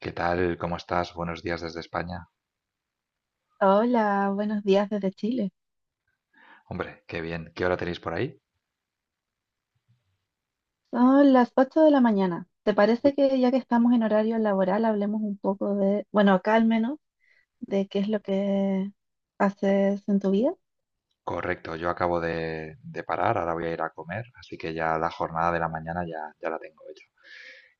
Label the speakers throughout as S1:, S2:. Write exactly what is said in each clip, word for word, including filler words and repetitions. S1: ¿Qué tal? ¿Cómo estás? Buenos días desde España.
S2: Hola, buenos días desde Chile.
S1: Hombre, qué bien. ¿Qué hora tenéis por ahí?
S2: Son las ocho de la mañana. ¿Te
S1: Uy,
S2: parece que ya que estamos en horario laboral, hablemos un poco de, bueno, acá al menos, de qué es lo que haces en tu vida?
S1: correcto, yo acabo de, de parar, ahora voy a ir a comer, así que ya la jornada de la mañana ya, ya la tengo hecha.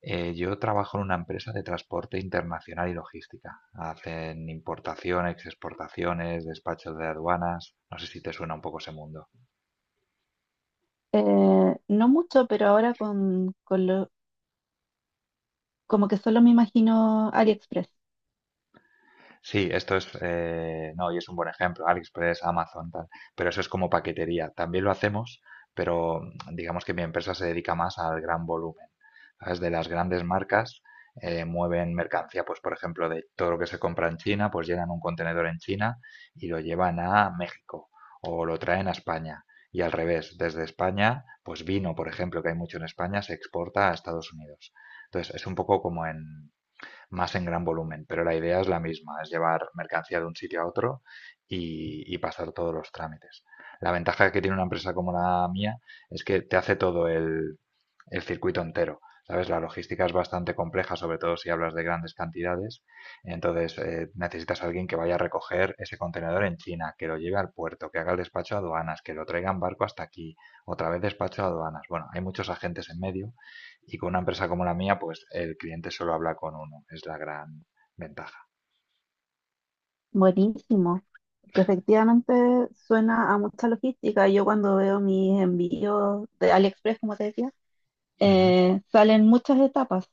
S1: Eh, yo trabajo en una empresa de transporte internacional y logística. Hacen importaciones, exportaciones, despachos de aduanas. No sé si te suena un poco ese mundo.
S2: Eh, no mucho, pero ahora con, con lo, como que solo me imagino AliExpress.
S1: Sí, esto es, eh, no, y es un buen ejemplo, AliExpress, Amazon, tal, pero eso es como paquetería. También lo hacemos, pero mm, digamos que mi empresa se dedica más al gran volumen. ¿Sabes? De las grandes marcas eh, mueven mercancía, pues por ejemplo, de todo lo que se compra en China, pues llenan un contenedor en China y lo llevan a México o lo traen a España. Y al revés, desde España, pues vino, por ejemplo, que hay mucho en España, se exporta a Estados Unidos. Entonces, es un poco como en, más en gran volumen, pero la idea es la misma, es llevar mercancía de un sitio a otro y, y pasar todos los trámites. La ventaja que tiene una empresa como la mía es que te hace todo el, el circuito entero. ¿Sabes? La logística es bastante compleja, sobre todo si hablas de grandes cantidades. Entonces, eh, necesitas a alguien que vaya a recoger ese contenedor en China, que lo lleve al puerto, que haga el despacho a aduanas, que lo traiga en barco hasta aquí, otra vez despacho a aduanas. Bueno, hay muchos agentes en medio y con una empresa como la mía, pues el cliente solo habla con uno, es la gran ventaja.
S2: Buenísimo, que efectivamente suena a mucha logística. Yo cuando veo mis envíos de AliExpress, como te decía,
S1: Ujú.
S2: eh, salen muchas etapas.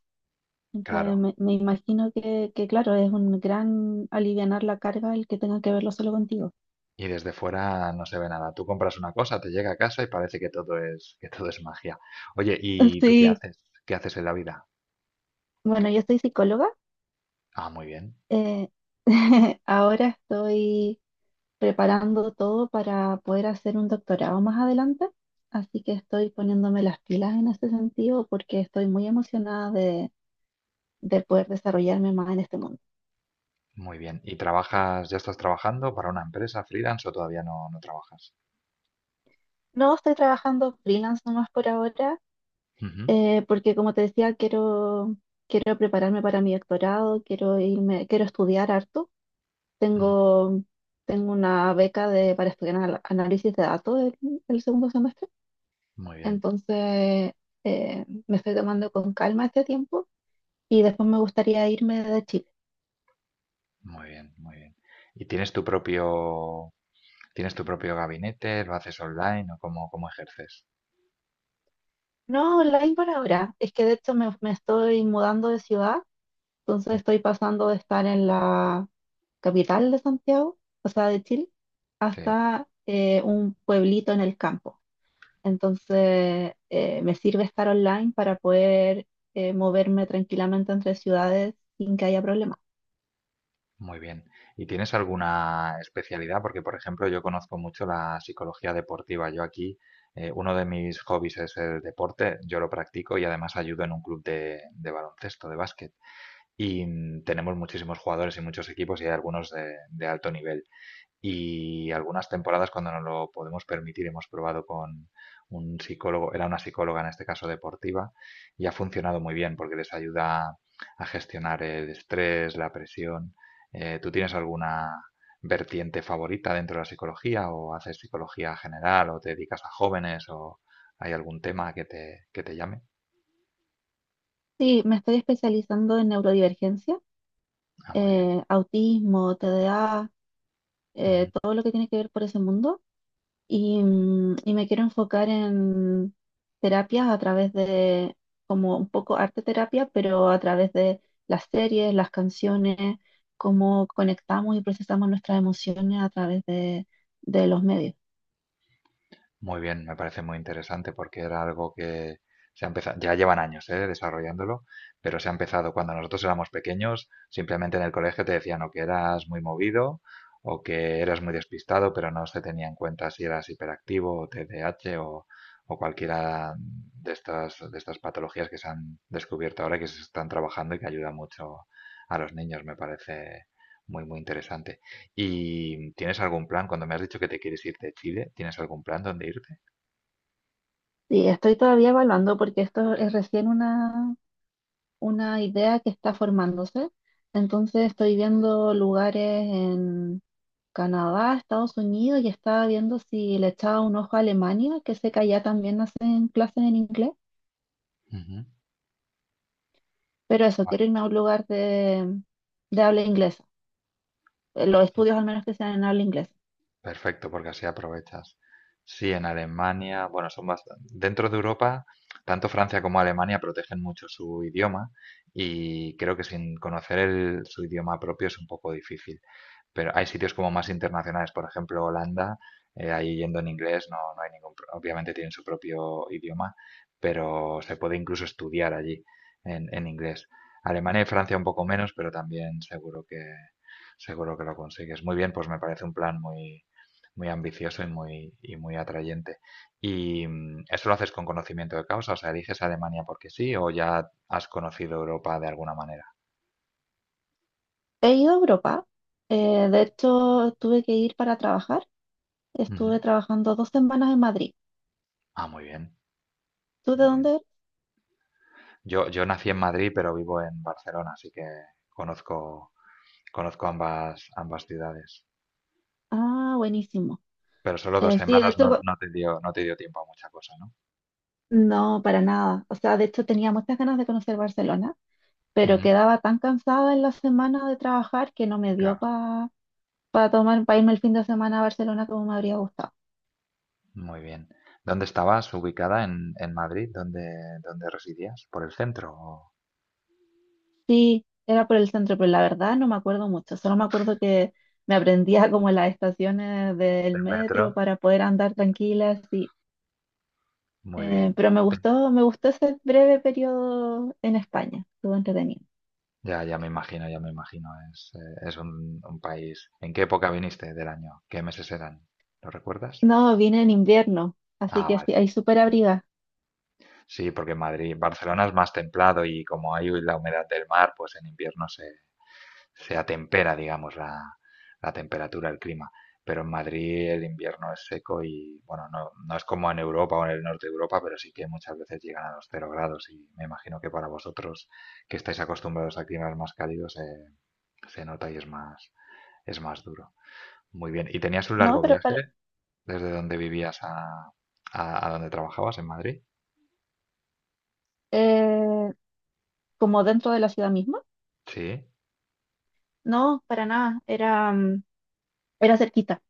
S2: Entonces,
S1: Claro.
S2: me, me imagino que, que, claro, es un gran alivianar la carga el que tenga que verlo solo contigo.
S1: Y desde fuera no se ve nada. Tú compras una cosa, te llega a casa y parece que todo es, que todo es magia. Oye, ¿y tú qué
S2: Sí,
S1: haces? ¿Qué haces en la vida?
S2: bueno, yo soy psicóloga.
S1: Ah, muy bien,
S2: eh, ahora estoy preparando todo para poder hacer un doctorado más adelante, así que estoy poniéndome las pilas en ese sentido porque estoy muy emocionada de, de poder desarrollarme más en este mundo.
S1: muy bien. ¿Y trabajas, ya estás trabajando para una empresa freelance o todavía no, no trabajas?
S2: No estoy trabajando freelance nomás por ahora.
S1: Ujú,
S2: Eh, porque como te decía, quiero, quiero prepararme para mi doctorado, quiero irme, quiero estudiar harto.
S1: ujú.
S2: Tengo, tengo una beca de, para estudiar anal- análisis de datos el, el segundo semestre,
S1: Muy bien,
S2: entonces eh, me estoy tomando con calma este tiempo y después me gustaría irme de Chile.
S1: muy bien, muy bien. ¿Y tienes tu propio, ¿tienes tu propio gabinete? ¿Lo haces online o cómo, cómo ejerces?
S2: No, online por ahora. Es que de hecho me, me estoy mudando de ciudad. Entonces
S1: Mm.
S2: estoy pasando de estar en la capital de Santiago, o sea, de Chile,
S1: Sí.
S2: hasta eh, un pueblito en el campo. Entonces eh, me sirve estar online para poder eh, moverme tranquilamente entre ciudades sin que haya problemas.
S1: Muy bien. ¿Y tienes alguna especialidad? Porque, por ejemplo, yo conozco mucho la psicología deportiva. Yo aquí, eh, uno de mis hobbies es el deporte. Yo lo practico y además ayudo en un club de, de baloncesto, de básquet. Y mm, tenemos muchísimos jugadores y muchos equipos y hay algunos de, de alto nivel. Y algunas temporadas, cuando nos lo podemos permitir, hemos probado con un psicólogo, era una psicóloga en este caso deportiva, y ha funcionado muy bien porque les ayuda a gestionar el estrés, la presión. Eh, ¿tú tienes alguna vertiente favorita dentro de la psicología o haces psicología general o te dedicas a jóvenes o hay algún tema que te, que te llame?
S2: Sí, me estoy especializando en neurodivergencia,
S1: Ah, muy bien.
S2: eh, autismo, T D A, eh, todo lo que tiene que ver por ese mundo. Y, mm, y me quiero enfocar en terapias a través de, como un poco arte terapia, pero a través de las series, las canciones, cómo conectamos y procesamos nuestras emociones a través de, de los medios.
S1: Muy bien, me parece muy interesante porque era algo que se ha empezado, ya llevan años eh, desarrollándolo, pero se ha empezado cuando nosotros éramos pequeños, simplemente en el colegio te decían o que eras muy movido o que eras muy despistado, pero no se tenía en cuenta si eras hiperactivo o T D A H o, o cualquiera de estas, de estas patologías que se han descubierto ahora y que se están trabajando y que ayuda mucho a los niños, me parece muy, muy interesante. ¿Y tienes algún plan? Cuando me has dicho que te quieres ir de Chile, ¿tienes algún plan donde irte?
S2: Y estoy todavía evaluando porque esto es recién una, una idea que está formándose. Entonces estoy viendo lugares en Canadá, Estados Unidos y estaba viendo si le echaba un ojo a Alemania, que sé que allá también hacen clases en inglés.
S1: Ujú.
S2: Pero eso,
S1: Vale,
S2: quiero irme a un lugar de, de habla inglesa. eh, Los
S1: sí.
S2: estudios al menos que sean en habla inglesa.
S1: Perfecto, porque así aprovechas. Sí, en Alemania, bueno, son bastante... Dentro de Europa, tanto Francia como Alemania protegen mucho su idioma y creo que sin conocer el- su idioma propio es un poco difícil. Pero hay sitios como más internacionales, por ejemplo Holanda, eh, ahí yendo en inglés no, no hay ningún, pro- obviamente tienen su propio idioma, pero se puede incluso estudiar allí en, en inglés. Alemania y Francia un poco menos, pero también seguro que, seguro que lo consigues. Muy bien, pues me parece un plan muy, muy ambicioso y muy, y muy atrayente. ¿Y mm, eso lo haces con conocimiento de causa? O sea, ¿eliges Alemania porque sí o ya has conocido Europa de alguna manera?
S2: He ido a Europa. Eh, de hecho, tuve que ir para trabajar.
S1: Ujú.
S2: Estuve trabajando dos semanas en Madrid.
S1: Ah, muy bien,
S2: ¿Tú de
S1: muy
S2: dónde
S1: bien.
S2: eres?
S1: Yo, yo nací en Madrid, pero vivo en Barcelona, así que conozco, conozco ambas, ambas ciudades.
S2: Ah, buenísimo.
S1: Pero solo dos
S2: Eh, sí, de
S1: semanas
S2: hecho,
S1: no,
S2: cu-
S1: no te dio, no te dio tiempo a mucha cosa, ¿no?
S2: no, para nada. O sea, de hecho tenía muchas ganas de conocer Barcelona, pero
S1: Ujú.
S2: quedaba tan cansada en la semana de trabajar que no me dio
S1: Claro,
S2: para tomar, para irme el fin de semana a Barcelona como me habría gustado.
S1: muy bien. ¿Dónde estabas ubicada en, en Madrid? ¿Dónde, dónde residías? ¿Por el centro o
S2: Sí, era por el centro, pero la verdad no me acuerdo mucho. Solo me acuerdo que me aprendía como las estaciones del
S1: del metro?
S2: metro para poder andar tranquila, así.
S1: Muy
S2: Eh,
S1: bien.
S2: pero me
S1: Te-
S2: gustó, me gustó ese breve periodo en España. Estuvo entretenido.
S1: Ya, ya me imagino, ya me imagino. Es, eh, es un, un país. ¿En qué época viniste del año? ¿Qué meses eran? ¿Lo recuerdas?
S2: No, vine en invierno, así
S1: Ah,
S2: que
S1: vale.
S2: sí, ahí súper abriga.
S1: Sí, porque Madrid, Barcelona es más templado y como hay la humedad del mar, pues en invierno se, se atempera, digamos, la, la temperatura, el clima. Pero en Madrid el invierno es seco y, bueno, no, no es como en Europa o en el norte de Europa, pero sí que muchas veces llegan a los cero grados y me imagino que para vosotros que estáis acostumbrados a climas más cálidos eh, se nota y es más, es más duro. Muy bien. ¿Y tenías un
S2: No,
S1: largo
S2: pero
S1: viaje
S2: para,
S1: desde donde vivías a, a, a donde trabajabas en Madrid?
S2: eh, como dentro de la ciudad misma.
S1: Sí,
S2: No, para nada, era, mm, era cerquita.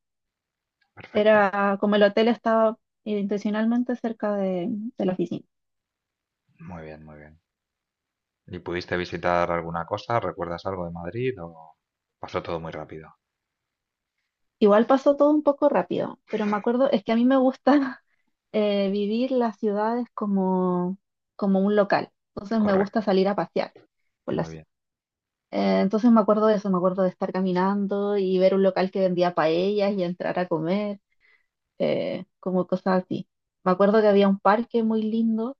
S1: perfecto.
S2: Era como el hotel estaba intencionalmente cerca de, de la oficina.
S1: Muy bien, muy bien. ¿Y pudiste visitar alguna cosa? ¿Recuerdas algo de Madrid o pasó todo muy rápido?
S2: Igual pasó todo un poco rápido, pero me acuerdo, es que a mí me gusta eh, vivir las ciudades como, como un local. Entonces me gusta
S1: Correcto,
S2: salir a pasear por la
S1: muy bien.
S2: ciudad. Eh, entonces me acuerdo de eso, me acuerdo de estar caminando y ver un local que vendía paellas y entrar a comer, eh, como cosas así. Me acuerdo que había un parque muy lindo.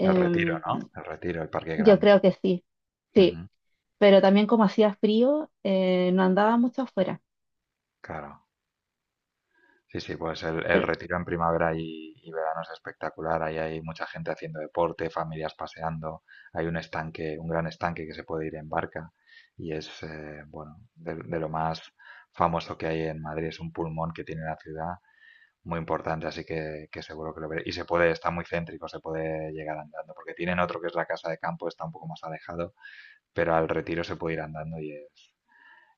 S1: El Retiro, ¿no? El Retiro, el Parque
S2: Yo
S1: Grande.
S2: creo que sí, sí,
S1: Ujú.
S2: pero también como hacía frío, eh, no andaba mucho afuera.
S1: Claro. Sí, sí, pues el, el
S2: Pero
S1: Retiro en primavera y, y verano es espectacular. Ahí hay mucha gente haciendo deporte, familias paseando. Hay un estanque, un gran estanque que se puede ir en barca. Y es, eh, bueno, de, de lo más famoso que hay en Madrid. Es un pulmón que tiene la ciudad muy importante, así que, que seguro que lo veré. Y se puede, está muy céntrico, se puede llegar andando, porque tienen otro que es la casa de campo, está un poco más alejado, pero al retiro se puede ir andando y es,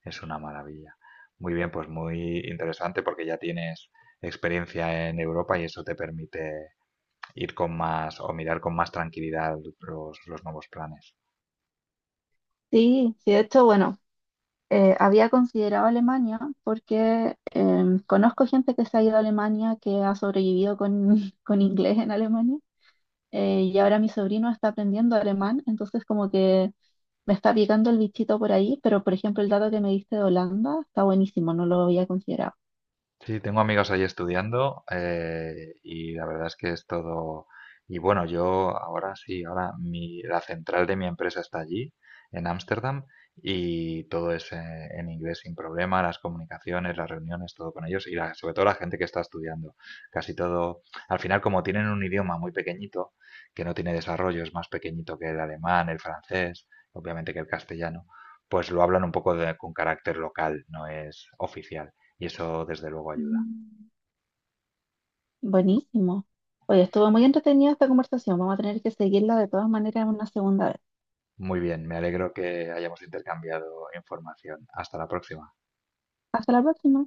S1: es una maravilla. Muy bien, pues muy interesante porque ya tienes experiencia en Europa y eso te permite ir con más o mirar con más tranquilidad los, los nuevos planes.
S2: sí, sí, de hecho, bueno, eh, había considerado Alemania porque em, conozco gente que se ha ido a Alemania, que ha sobrevivido con, con inglés en Alemania, eh, y ahora mi sobrino está aprendiendo alemán, entonces como que me está picando el bichito por ahí, pero por ejemplo el dato que me diste de Holanda está buenísimo, no lo había considerado.
S1: Sí, tengo amigos ahí estudiando eh, y la verdad es que es todo... Y bueno, yo ahora sí, ahora mi, la central de mi empresa está allí, en Ámsterdam, y todo es eh, en inglés sin problema, las comunicaciones, las reuniones, todo con ellos y la- sobre todo la gente que está estudiando. Casi todo, al final como tienen un idioma muy pequeñito, que no tiene desarrollo, es más pequeñito que el alemán, el francés, obviamente que el castellano, pues lo hablan un poco de- con carácter local, no es oficial y eso desde luego ayuda.
S2: Mm. Buenísimo. Oye, estuvo muy entretenida esta conversación. Vamos a tener que seguirla de todas maneras una segunda vez.
S1: Muy bien, me alegro que hayamos intercambiado información. Hasta la próxima.
S2: Hasta la próxima.